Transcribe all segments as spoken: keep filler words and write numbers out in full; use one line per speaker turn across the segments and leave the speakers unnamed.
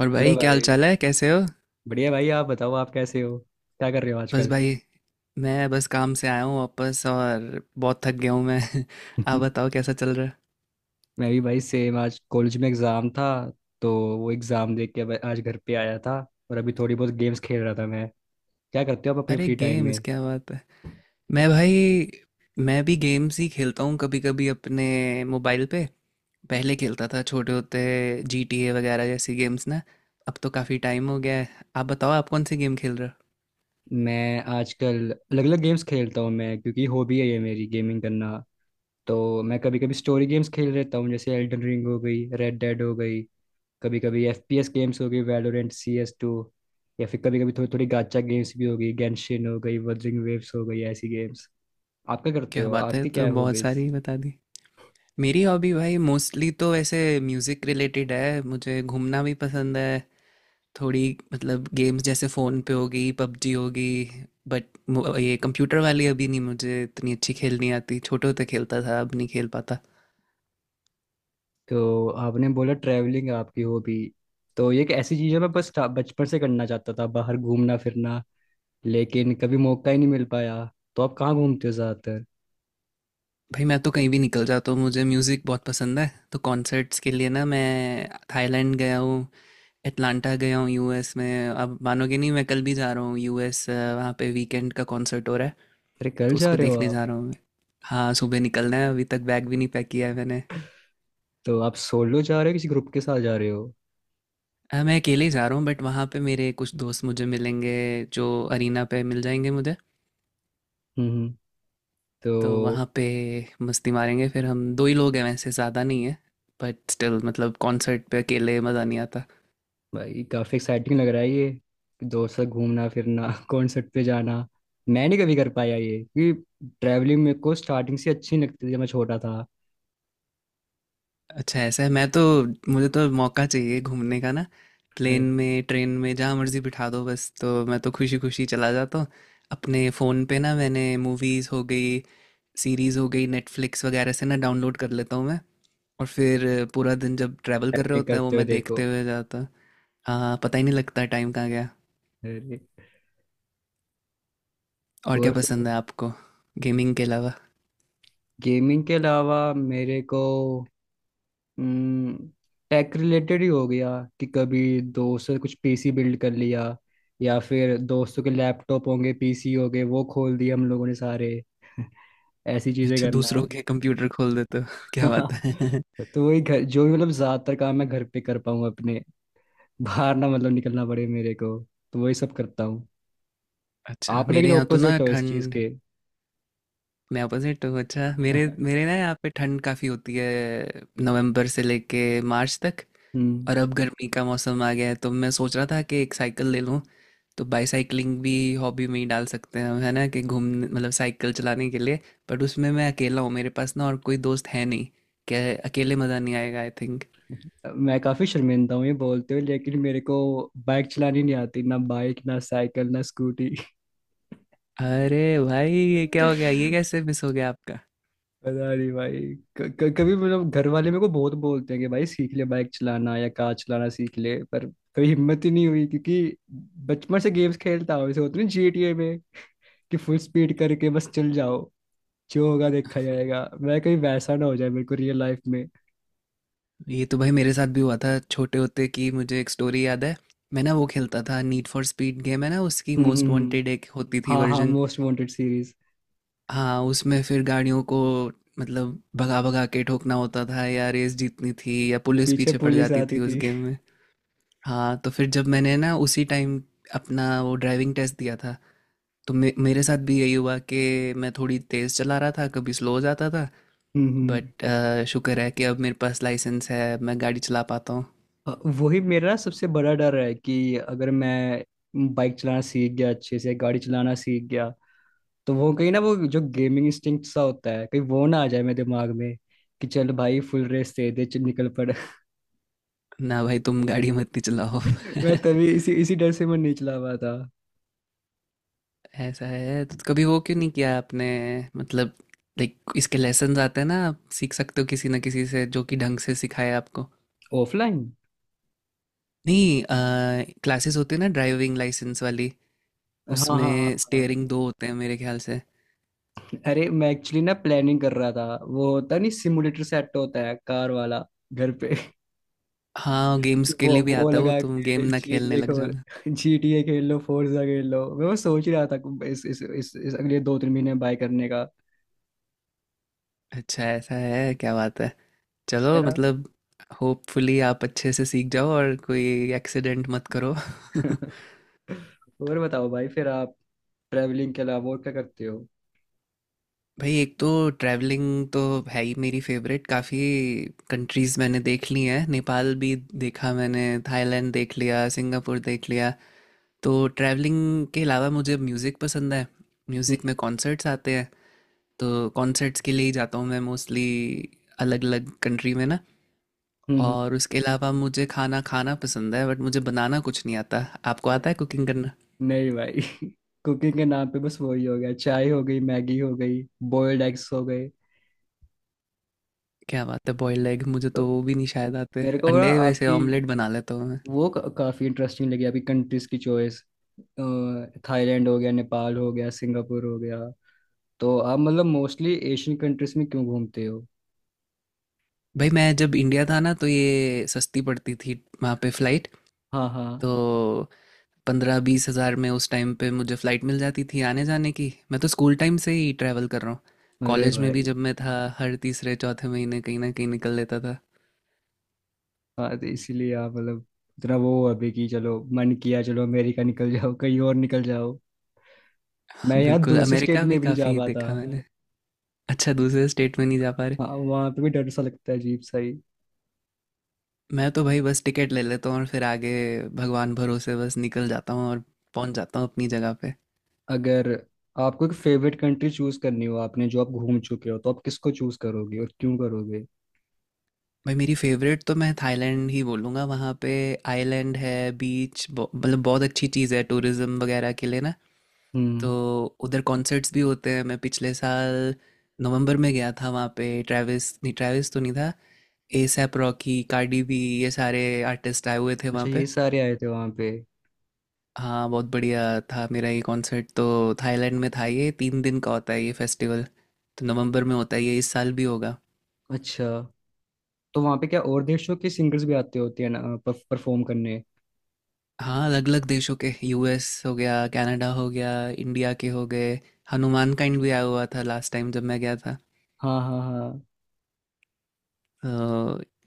और
हेलो
भाई क्या हाल
भाई।
चाल है, कैसे हो।
बढ़िया भाई, आप बताओ आप कैसे हो? क्या कर रहे हो
बस
आजकल?
भाई, मैं बस काम से आया हूँ वापस और बहुत थक गया हूँ मैं। आप बताओ कैसा चल रहा है।
मैं भी भाई सेम। आज कॉलेज में एग्ज़ाम था, तो वो एग्ज़ाम देख के अब आज घर पे आया था। और अभी थोड़ी बहुत गेम्स खेल रहा था मैं। क्या करते हो आप अपने
अरे
फ्री टाइम
गेम्स,
में?
क्या बात है। मैं भाई, मैं भी गेम्स ही खेलता हूँ कभी कभी अपने मोबाइल पे। पहले खेलता था छोटे होते, जी टी ए वगैरह जैसी गेम्स ना। अब तो काफ़ी टाइम हो गया है। आप बताओ आप कौन सी गेम खेल रहे हो।
मैं आजकल अलग अलग गेम्स खेलता हूँ मैं, क्योंकि हॉबी है ये मेरी गेमिंग करना। तो मैं कभी कभी स्टोरी गेम्स खेल लेता हूँ, जैसे एल्डन रिंग हो गई, रेड डेड हो गई। कभी कभी एफ पी एस गेम्स हो गई, वैलोरेंट, सी एस टू। या फिर कभी कभी थोड़ी थोड़ी गाचा गेम्स भी हो गई, गेंशिन हो गई, वदरिंग वेव्स हो गई, ऐसी गेम्स। आपका करते
क्या
हो,
बात है,
आपकी क्या
तो
है
बहुत
हॉबीज?
सारी बता दी। मेरी हॉबी भाई मोस्टली तो ऐसे म्यूज़िक रिलेटेड है। मुझे घूमना भी पसंद है। थोड़ी मतलब गेम्स जैसे फ़ोन पे होगी, पबजी होगी, बट ये कंप्यूटर वाली अभी नहीं मुझे इतनी अच्छी खेलनी आती। छोटे होते खेलता था, अब नहीं खेल पाता।
तो आपने बोला ट्रैवलिंग आपकी हॉबी। तो ये एक ऐसी चीज़ है, मैं बस था- बचपन से करना चाहता था बाहर घूमना फिरना, लेकिन कभी मौका ही नहीं मिल पाया। तो आप कहाँ घूमते हो ज़्यादातर?
भाई मैं तो कहीं भी निकल जाता हूँ, मुझे म्यूज़िक बहुत पसंद है, तो कॉन्सर्ट्स के लिए ना मैं थाईलैंड गया हूँ, अटलांटा गया हूँ यूएस में। अब मानोगे नहीं, मैं कल भी जा रहा हूँ यूएस, अ, वहाँ पे वीकेंड का कॉन्सर्ट हो रहा है।
अरे कल
तो
जा
उसको
रहे हो
देखने
आप?
जा रहा हूँ मैं। हाँ, सुबह निकलना है, अभी तक बैग भी नहीं पैक किया है मैंने।
तो आप सोलो जा रहे हो किसी ग्रुप के साथ जा रहे हो?
अ, मैं अकेले ही जा रहा हूँ, बट वहाँ पे मेरे कुछ दोस्त मुझे मिलेंगे, जो अरीना पे मिल जाएंगे मुझे।
हम्म हम्म। तो
तो वहाँ पे मस्ती मारेंगे। फिर हम दो ही लोग हैं वैसे, ज़्यादा नहीं है, बट स्टिल मतलब कॉन्सर्ट पे अकेले मज़ा नहीं आता।
भाई काफ़ी एक्साइटिंग लग रहा है ये। दोस्त से घूमना फिरना, कॉन्सर्ट पे जाना। मैं नहीं कभी कर पाया ये, क्योंकि ट्रैवलिंग मेरे को स्टार्टिंग से अच्छी नहीं लगती थी जब मैं छोटा था।
अच्छा ऐसा है, मैं तो मुझे तो मौका चाहिए घूमने का ना। प्लेन में, ट्रेन में, जहाँ मर्जी बिठा दो बस, तो मैं तो खुशी खुशी चला जाता हूँ। अपने फ़ोन पे ना मैंने मूवीज़ हो गई, सीरीज़ हो गई, नेटफ्लिक्स वगैरह से ना डाउनलोड कर लेता हूँ मैं। और फिर पूरा दिन जब ट्रैवल कर रहे
ट्रैवलिंग
होते हैं वो,
करते हुए
मैं
देखो।
देखते हुए जाता। हाँ, पता ही नहीं लगता टाइम कहाँ गया।
अरे।
और क्या
और फिर
पसंद है आपको गेमिंग के अलावा।
गेमिंग के अलावा, मेरे को टेक रिलेटेड ही हो गया। कि कभी दोस्त से कुछ पीसी बिल्ड कर लिया, या फिर दोस्तों के लैपटॉप होंगे, पीसी होंगे, वो खोल दिए हम लोगों ने सारे। ऐसी चीजें
अच्छा,
करना।
दूसरों के कंप्यूटर खोल देते हो क्या बात है।
तो वही घर, जो भी मतलब ज्यादातर काम मैं घर पे कर पाऊँ अपने, बाहर ना मतलब निकलना पड़े मेरे को, तो वही सब करता हूँ।
अच्छा
आप
मेरे
लेकिन
यहाँ तो ना
ऑपोजिट हो इस चीज
ठंड,
के।
मैं अपोजिट हूँ। अच्छा मेरे मेरे ना यहाँ पे ठंड काफ़ी होती है नवंबर से लेके मार्च तक।
हम्म।
और अब गर्मी का मौसम आ गया है, तो मैं सोच रहा था कि एक साइकिल ले लूँ। तो बाईसाइकिलिंग भी हॉबी में ही डाल सकते हैं हम, है ना, कि घूम मतलब साइकिल चलाने के लिए। बट उसमें मैं अकेला हूँ, मेरे पास ना और कोई दोस्त है नहीं। क्या, अकेले मज़ा नहीं आएगा आई थिंक।
मैं काफी शर्मिंदा हूँ ये बोलते हुए, लेकिन मेरे को बाइक चलानी नहीं आती, ना बाइक ना साइकिल ना स्कूटी।
अरे भाई ये क्या हो गया, ये कैसे मिस हो गया आपका।
पता नहीं भाई। क- क- कभी मतलब घर वाले मेरे को बहुत बोलते हैं कि भाई सीख ले बाइक चलाना या कार चलाना सीख ले, पर कभी हिम्मत ही नहीं हुई, क्योंकि बचपन से गेम्स खेलता हूँ, जैसे होते हैं जीटीए में, कि फुल स्पीड करके बस चल जाओ, जो होगा देखा जाएगा। मैं कहीं वैसा ना हो जाए मेरे को रियल लाइफ में।
ये तो भाई मेरे साथ भी हुआ था छोटे होते, कि मुझे एक स्टोरी याद है। मैं ना वो खेलता था नीड फॉर स्पीड गेम है ना, उसकी
हम्म हम्म,
मोस्ट
हम्म।
वांटेड एक होती थी
हाँ हाँ,
वर्जन।
Most Wanted series.
हाँ, उसमें फिर गाड़ियों को मतलब भगा भगा के ठोकना होता था, या रेस जीतनी थी, या पुलिस
पीछे
पीछे पड़
पुलिस
जाती
आती
थी उस
थी।
गेम में। हाँ, तो फिर जब मैंने ना उसी टाइम अपना वो ड्राइविंग टेस्ट दिया था, तो मे मेरे साथ भी यही हुआ कि मैं थोड़ी तेज़ चला रहा था, कभी स्लो हो जाता था।
हम्म हम्म।
बट शुक्र है कि अब मेरे पास लाइसेंस है, मैं गाड़ी चला पाता हूँ।
अ, वही मेरा सबसे बड़ा डर है, कि अगर मैं बाइक चलाना सीख गया, अच्छे से गाड़ी चलाना सीख गया, तो वो कहीं ना, वो जो गेमिंग इंस्टिंक्ट सा होता है, कहीं वो ना आ जाए मेरे दिमाग में, कि चल भाई फुल रेस दे दे चल निकल पड़।
ना भाई, तुम गाड़ी मत, नहीं चलाओ।
मैं तभी इसी इसी डर से मैं नहीं चला पाया था।
ऐसा है तो कभी वो क्यों नहीं किया आपने, मतलब लाइक इसके लेसन आते हैं ना, आप सीख सकते हो किसी ना किसी से जो कि ढंग से सिखाए आपको।
ऑफलाइन।
नहीं, क्लासेस होती है ना ड्राइविंग लाइसेंस वाली,
हाँ हाँ हाँ
उसमें
हाँ।
स्टेयरिंग दो होते हैं मेरे ख्याल से।
अरे मैं एक्चुअली ना प्लानिंग कर रहा था, वो होता नहीं सिमुलेटर सेट होता है कार वाला, घर पे।
हाँ गेम्स के
वो
लिए भी
वो
आता है वो,
लगा
तुम गेम
के
ना खेलने
जी टी ए
लग
खेल,
जाना।
जी टी ए खेल लो, फोर्जा खेल लो। मैं वो सोच ही रहा था कि इस इस इस, इस अगले दो तीन महीने में बाय करने का
अच्छा ऐसा है, क्या बात है। चलो
मेरा।
मतलब होपफुली आप अच्छे से सीख जाओ और कोई एक्सीडेंट मत करो।
और बताओ भाई फिर आप ट्रैवलिंग के अलावा और क्या करते हो?
भाई, एक तो ट्रैवलिंग तो है ही मेरी फेवरेट। काफ़ी कंट्रीज़ मैंने देख ली हैं, नेपाल भी देखा मैंने, थाईलैंड देख लिया, सिंगापुर देख लिया। तो ट्रैवलिंग के अलावा मुझे म्यूज़िक पसंद है।
हम्म,
म्यूज़िक में कॉन्सर्ट्स आते हैं, तो कॉन्सर्ट्स के लिए ही जाता हूँ मैं मोस्टली, अलग अलग कंट्री में ना।
हम्म,
और उसके अलावा मुझे खाना खाना पसंद है, बट मुझे बनाना कुछ नहीं आता। आपको
हम्म।
आता है कुकिंग करना।
नहीं भाई। कुकिंग के नाम पे बस वही हो गया, चाय हो गई, मैगी हो गई, बॉयल्ड एग्स हो गए।
क्या बात है, बॉयल्ड एग मुझे
तो
तो वो भी नहीं शायद आते।
मेरे को ना
अंडे वैसे
आपकी
ऑमलेट बना लेता हूँ।
वो का, काफी इंटरेस्टिंग लगी अभी कंट्रीज की चॉइस। थाईलैंड हो गया, नेपाल हो गया, सिंगापुर हो गया। तो आप मतलब मोस्टली एशियन कंट्रीज में क्यों घूमते हो?
भाई मैं जब इंडिया था ना तो ये सस्ती पड़ती थी वहाँ पे फ्लाइट।
हाँ हाँ।
तो पंद्रह बीस हज़ार में उस टाइम पे मुझे फ्लाइट मिल जाती थी आने जाने की। मैं तो स्कूल टाइम से ही ट्रैवल कर रहा हूँ।
अरे
कॉलेज में भी
भाई।
जब मैं था हर तीसरे चौथे महीने कहीं ना कहीं निकल लेता था।
हाँ, तो इसीलिए आप मतलब इतना वो हो अभी कि चलो मन किया चलो अमेरिका निकल जाओ कहीं और निकल जाओ। मैं
हाँ,
यहाँ
बिल्कुल,
दूसरे स्टेट
अमेरिका
में
भी
भी नहीं जा
काफ़ी
पाता।
देखा मैंने। अच्छा दूसरे स्टेट में नहीं जा पा रहे।
हाँ वहाँ पे भी डर सा लगता है, अजीब सा ही।
मैं तो भाई बस टिकट ले लेता हूँ, और फिर आगे भगवान भरोसे बस निकल जाता हूँ और पहुँच जाता हूँ अपनी जगह पे।
अगर आपको एक फेवरेट कंट्री चूज करनी हो, आपने जो आप घूम चुके हो, तो आप किसको चूज करोगे और क्यों करोगे?
भाई मेरी फेवरेट तो मैं थाईलैंड ही बोलूँगा। वहाँ पे आइलैंड है, बीच, मतलब बहुत अच्छी चीज़ है टूरिज्म वगैरह के लिए ना। तो
हम्म।
उधर कॉन्सर्ट्स भी होते हैं। मैं पिछले साल नवंबर में गया था वहाँ पे। ट्रेविस, नहीं ट्रेविस तो नहीं था, एसैप रॉकी, कार्डी बी, ये सारे आर्टिस्ट आए हुए थे वहाँ
अच्छा,
पे।
ये सारे आए थे वहाँ पे?
हाँ, बहुत बढ़िया था मेरा ये कॉन्सर्ट। तो थाईलैंड में था ये, तीन दिन का होता है ये फेस्टिवल, तो नवंबर में होता है ये, इस साल भी होगा।
अच्छा। तो वहाँ पे क्या और देशों के सिंगर्स भी आते होते हैं ना, परफॉर्म करने?
हाँ अलग अलग देशों के, यूएस हो गया, कनाडा हो गया, इंडिया के हो गए। हनुमान काइंड भी आया हुआ था लास्ट टाइम जब मैं गया था अ,
हाँ हाँ हाँ।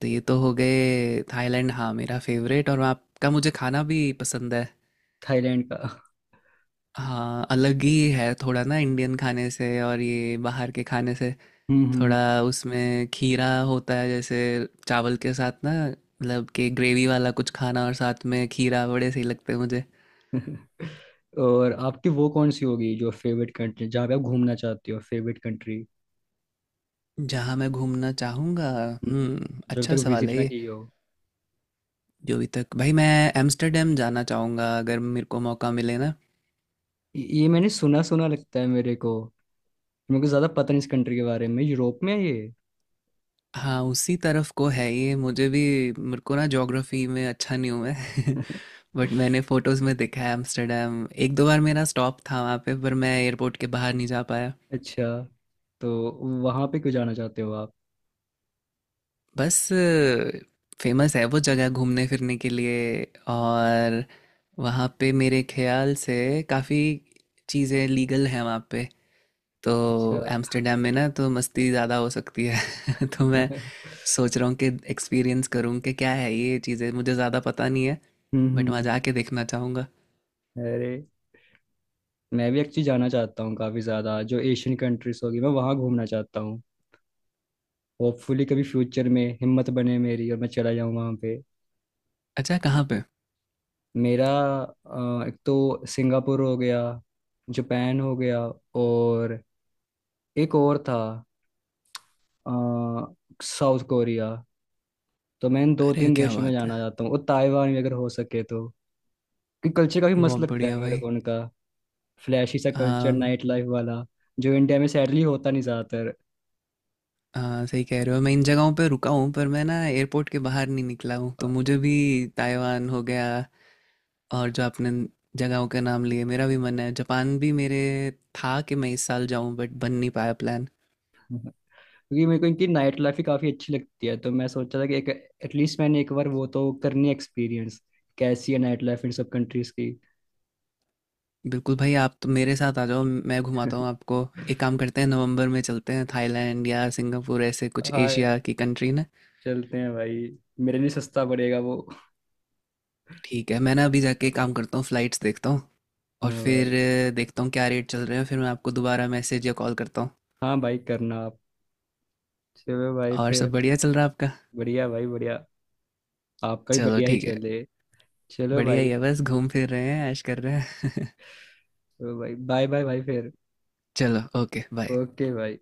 तो ये तो हो गए थाईलैंड, हाँ मेरा फेवरेट। और वहाँ का मुझे खाना भी पसंद है।
थाईलैंड का?
हाँ अलग ही है थोड़ा ना इंडियन खाने से और ये बाहर के खाने से।
हम्म
थोड़ा उसमें खीरा होता है जैसे चावल के साथ ना, मतलब कि ग्रेवी वाला कुछ खाना और साथ में खीरा, बड़े सही लगते हैं मुझे।
हम्म। और आपकी वो कौन सी होगी जो फेवरेट कंट्री जहाँ पे आप घूमना चाहते हो, फेवरेट कंट्री,
जहाँ मैं घूमना चाहूँगा, हम्म,
जब
अच्छा
तक
सवाल
विजिट
है
ना
ये।
की हो?
जो अभी तक भाई, मैं एम्स्टर्डम जाना चाहूँगा अगर मेरे को मौका मिले ना।
ये ये मैंने सुना सुना लगता है मेरे को। मेरे को ज़्यादा पता नहीं इस कंट्री के बारे में। यूरोप में है ये?
हाँ उसी तरफ को है ये मुझे भी। मेरे को ना ज्योग्राफी में अच्छा नहीं हूँ मैं। बट मैंने फोटोज़ में देखा है एम्स्टर्डम। एक दो बार मेरा स्टॉप था वहाँ पे, पर मैं एयरपोर्ट के बाहर नहीं जा पाया।
अच्छा। तो वहाँ पे क्यों जाना चाहते हो आप?
बस, फेमस है वो जगह घूमने फिरने के लिए। और वहाँ पे मेरे ख्याल से काफ़ी चीज़ें लीगल हैं वहाँ पे, तो
अच्छा।
एम्स्टर्डम में ना तो मस्ती ज़्यादा हो सकती है। तो मैं
हम्म
सोच रहा हूँ कि एक्सपीरियंस करूँ कि क्या है ये चीज़ें, मुझे ज़्यादा पता नहीं है। बट वहाँ
हम्म।
जाके देखना चाहूँगा।
अरे मैं भी एक्चुअली जाना चाहता हूँ काफ़ी ज़्यादा। जो एशियन कंट्रीज होगी, मैं वहाँ घूमना चाहता हूँ। होपफुली कभी फ्यूचर में हिम्मत बने मेरी और मैं चला जाऊँ वहाँ पे।
अच्छा कहाँ पे।
मेरा अ, एक तो सिंगापुर हो गया, जापान हो गया, और एक और था, अ, साउथ कोरिया। तो मैं इन दो
अरे
तीन
क्या
देशों में
बात है,
जाना चाहता हूँ, और ताइवान भी अगर हो सके तो। क्योंकि कल्चर काफी मस्त
बहुत
लगता है
बढ़िया
मेरे
भाई।
को उनका। फ्लैशी सा कल्चर,
आम,
नाइट लाइफ वाला, जो इंडिया में सैडली होता नहीं ज्यादातर।
हाँ सही कह रहे हो, मैं इन जगहों पे रुका हूँ पर मैं ना एयरपोर्ट के बाहर नहीं निकला हूँ तो मुझे भी। ताइवान हो गया, और जो आपने जगहों के नाम लिए मेरा भी मन है। जापान भी मेरे था कि मैं इस साल जाऊँ, बट बन नहीं पाया प्लान।
क्योंकि मेरे को इनकी नाइट लाइफ ही काफ़ी अच्छी लगती है, तो मैं सोचा था कि एक, एटलीस्ट मैंने एक बार वो तो करनी एक्सपीरियंस, कैसी है नाइट लाइफ इन सब कंट्रीज की।
बिल्कुल भाई, आप तो मेरे साथ आ जाओ, मैं घुमाता हूँ आपको। एक काम करते हैं, नवंबर में चलते हैं थाईलैंड या सिंगापुर, ऐसे कुछ
हाँ,
एशिया की कंट्री ना।
चलते हैं भाई। मेरे लिए सस्ता पड़ेगा वो।
ठीक है, मैं ना अभी जाके एक काम करता हूँ, फ्लाइट्स देखता हूँ, और
हाँ
फिर
भाई।
अ, देखता हूँ क्या रेट चल रहे हैं, फिर मैं आपको दोबारा मैसेज या कॉल करता हूँ।
हाँ भाई करना आप। चलो भाई
और
फिर।
सब बढ़िया चल रहा है आपका।
बढ़िया भाई बढ़िया। आपका भी
चलो
बढ़िया ही
ठीक है,
चले। चलो
बढ़िया
भाई।
ही है, बस घूम फिर रहे हैं, ऐश कर रहे हैं।
चलो भाई, बाय बाय भाई फिर।
चलो ओके बाय।
ओके भाई।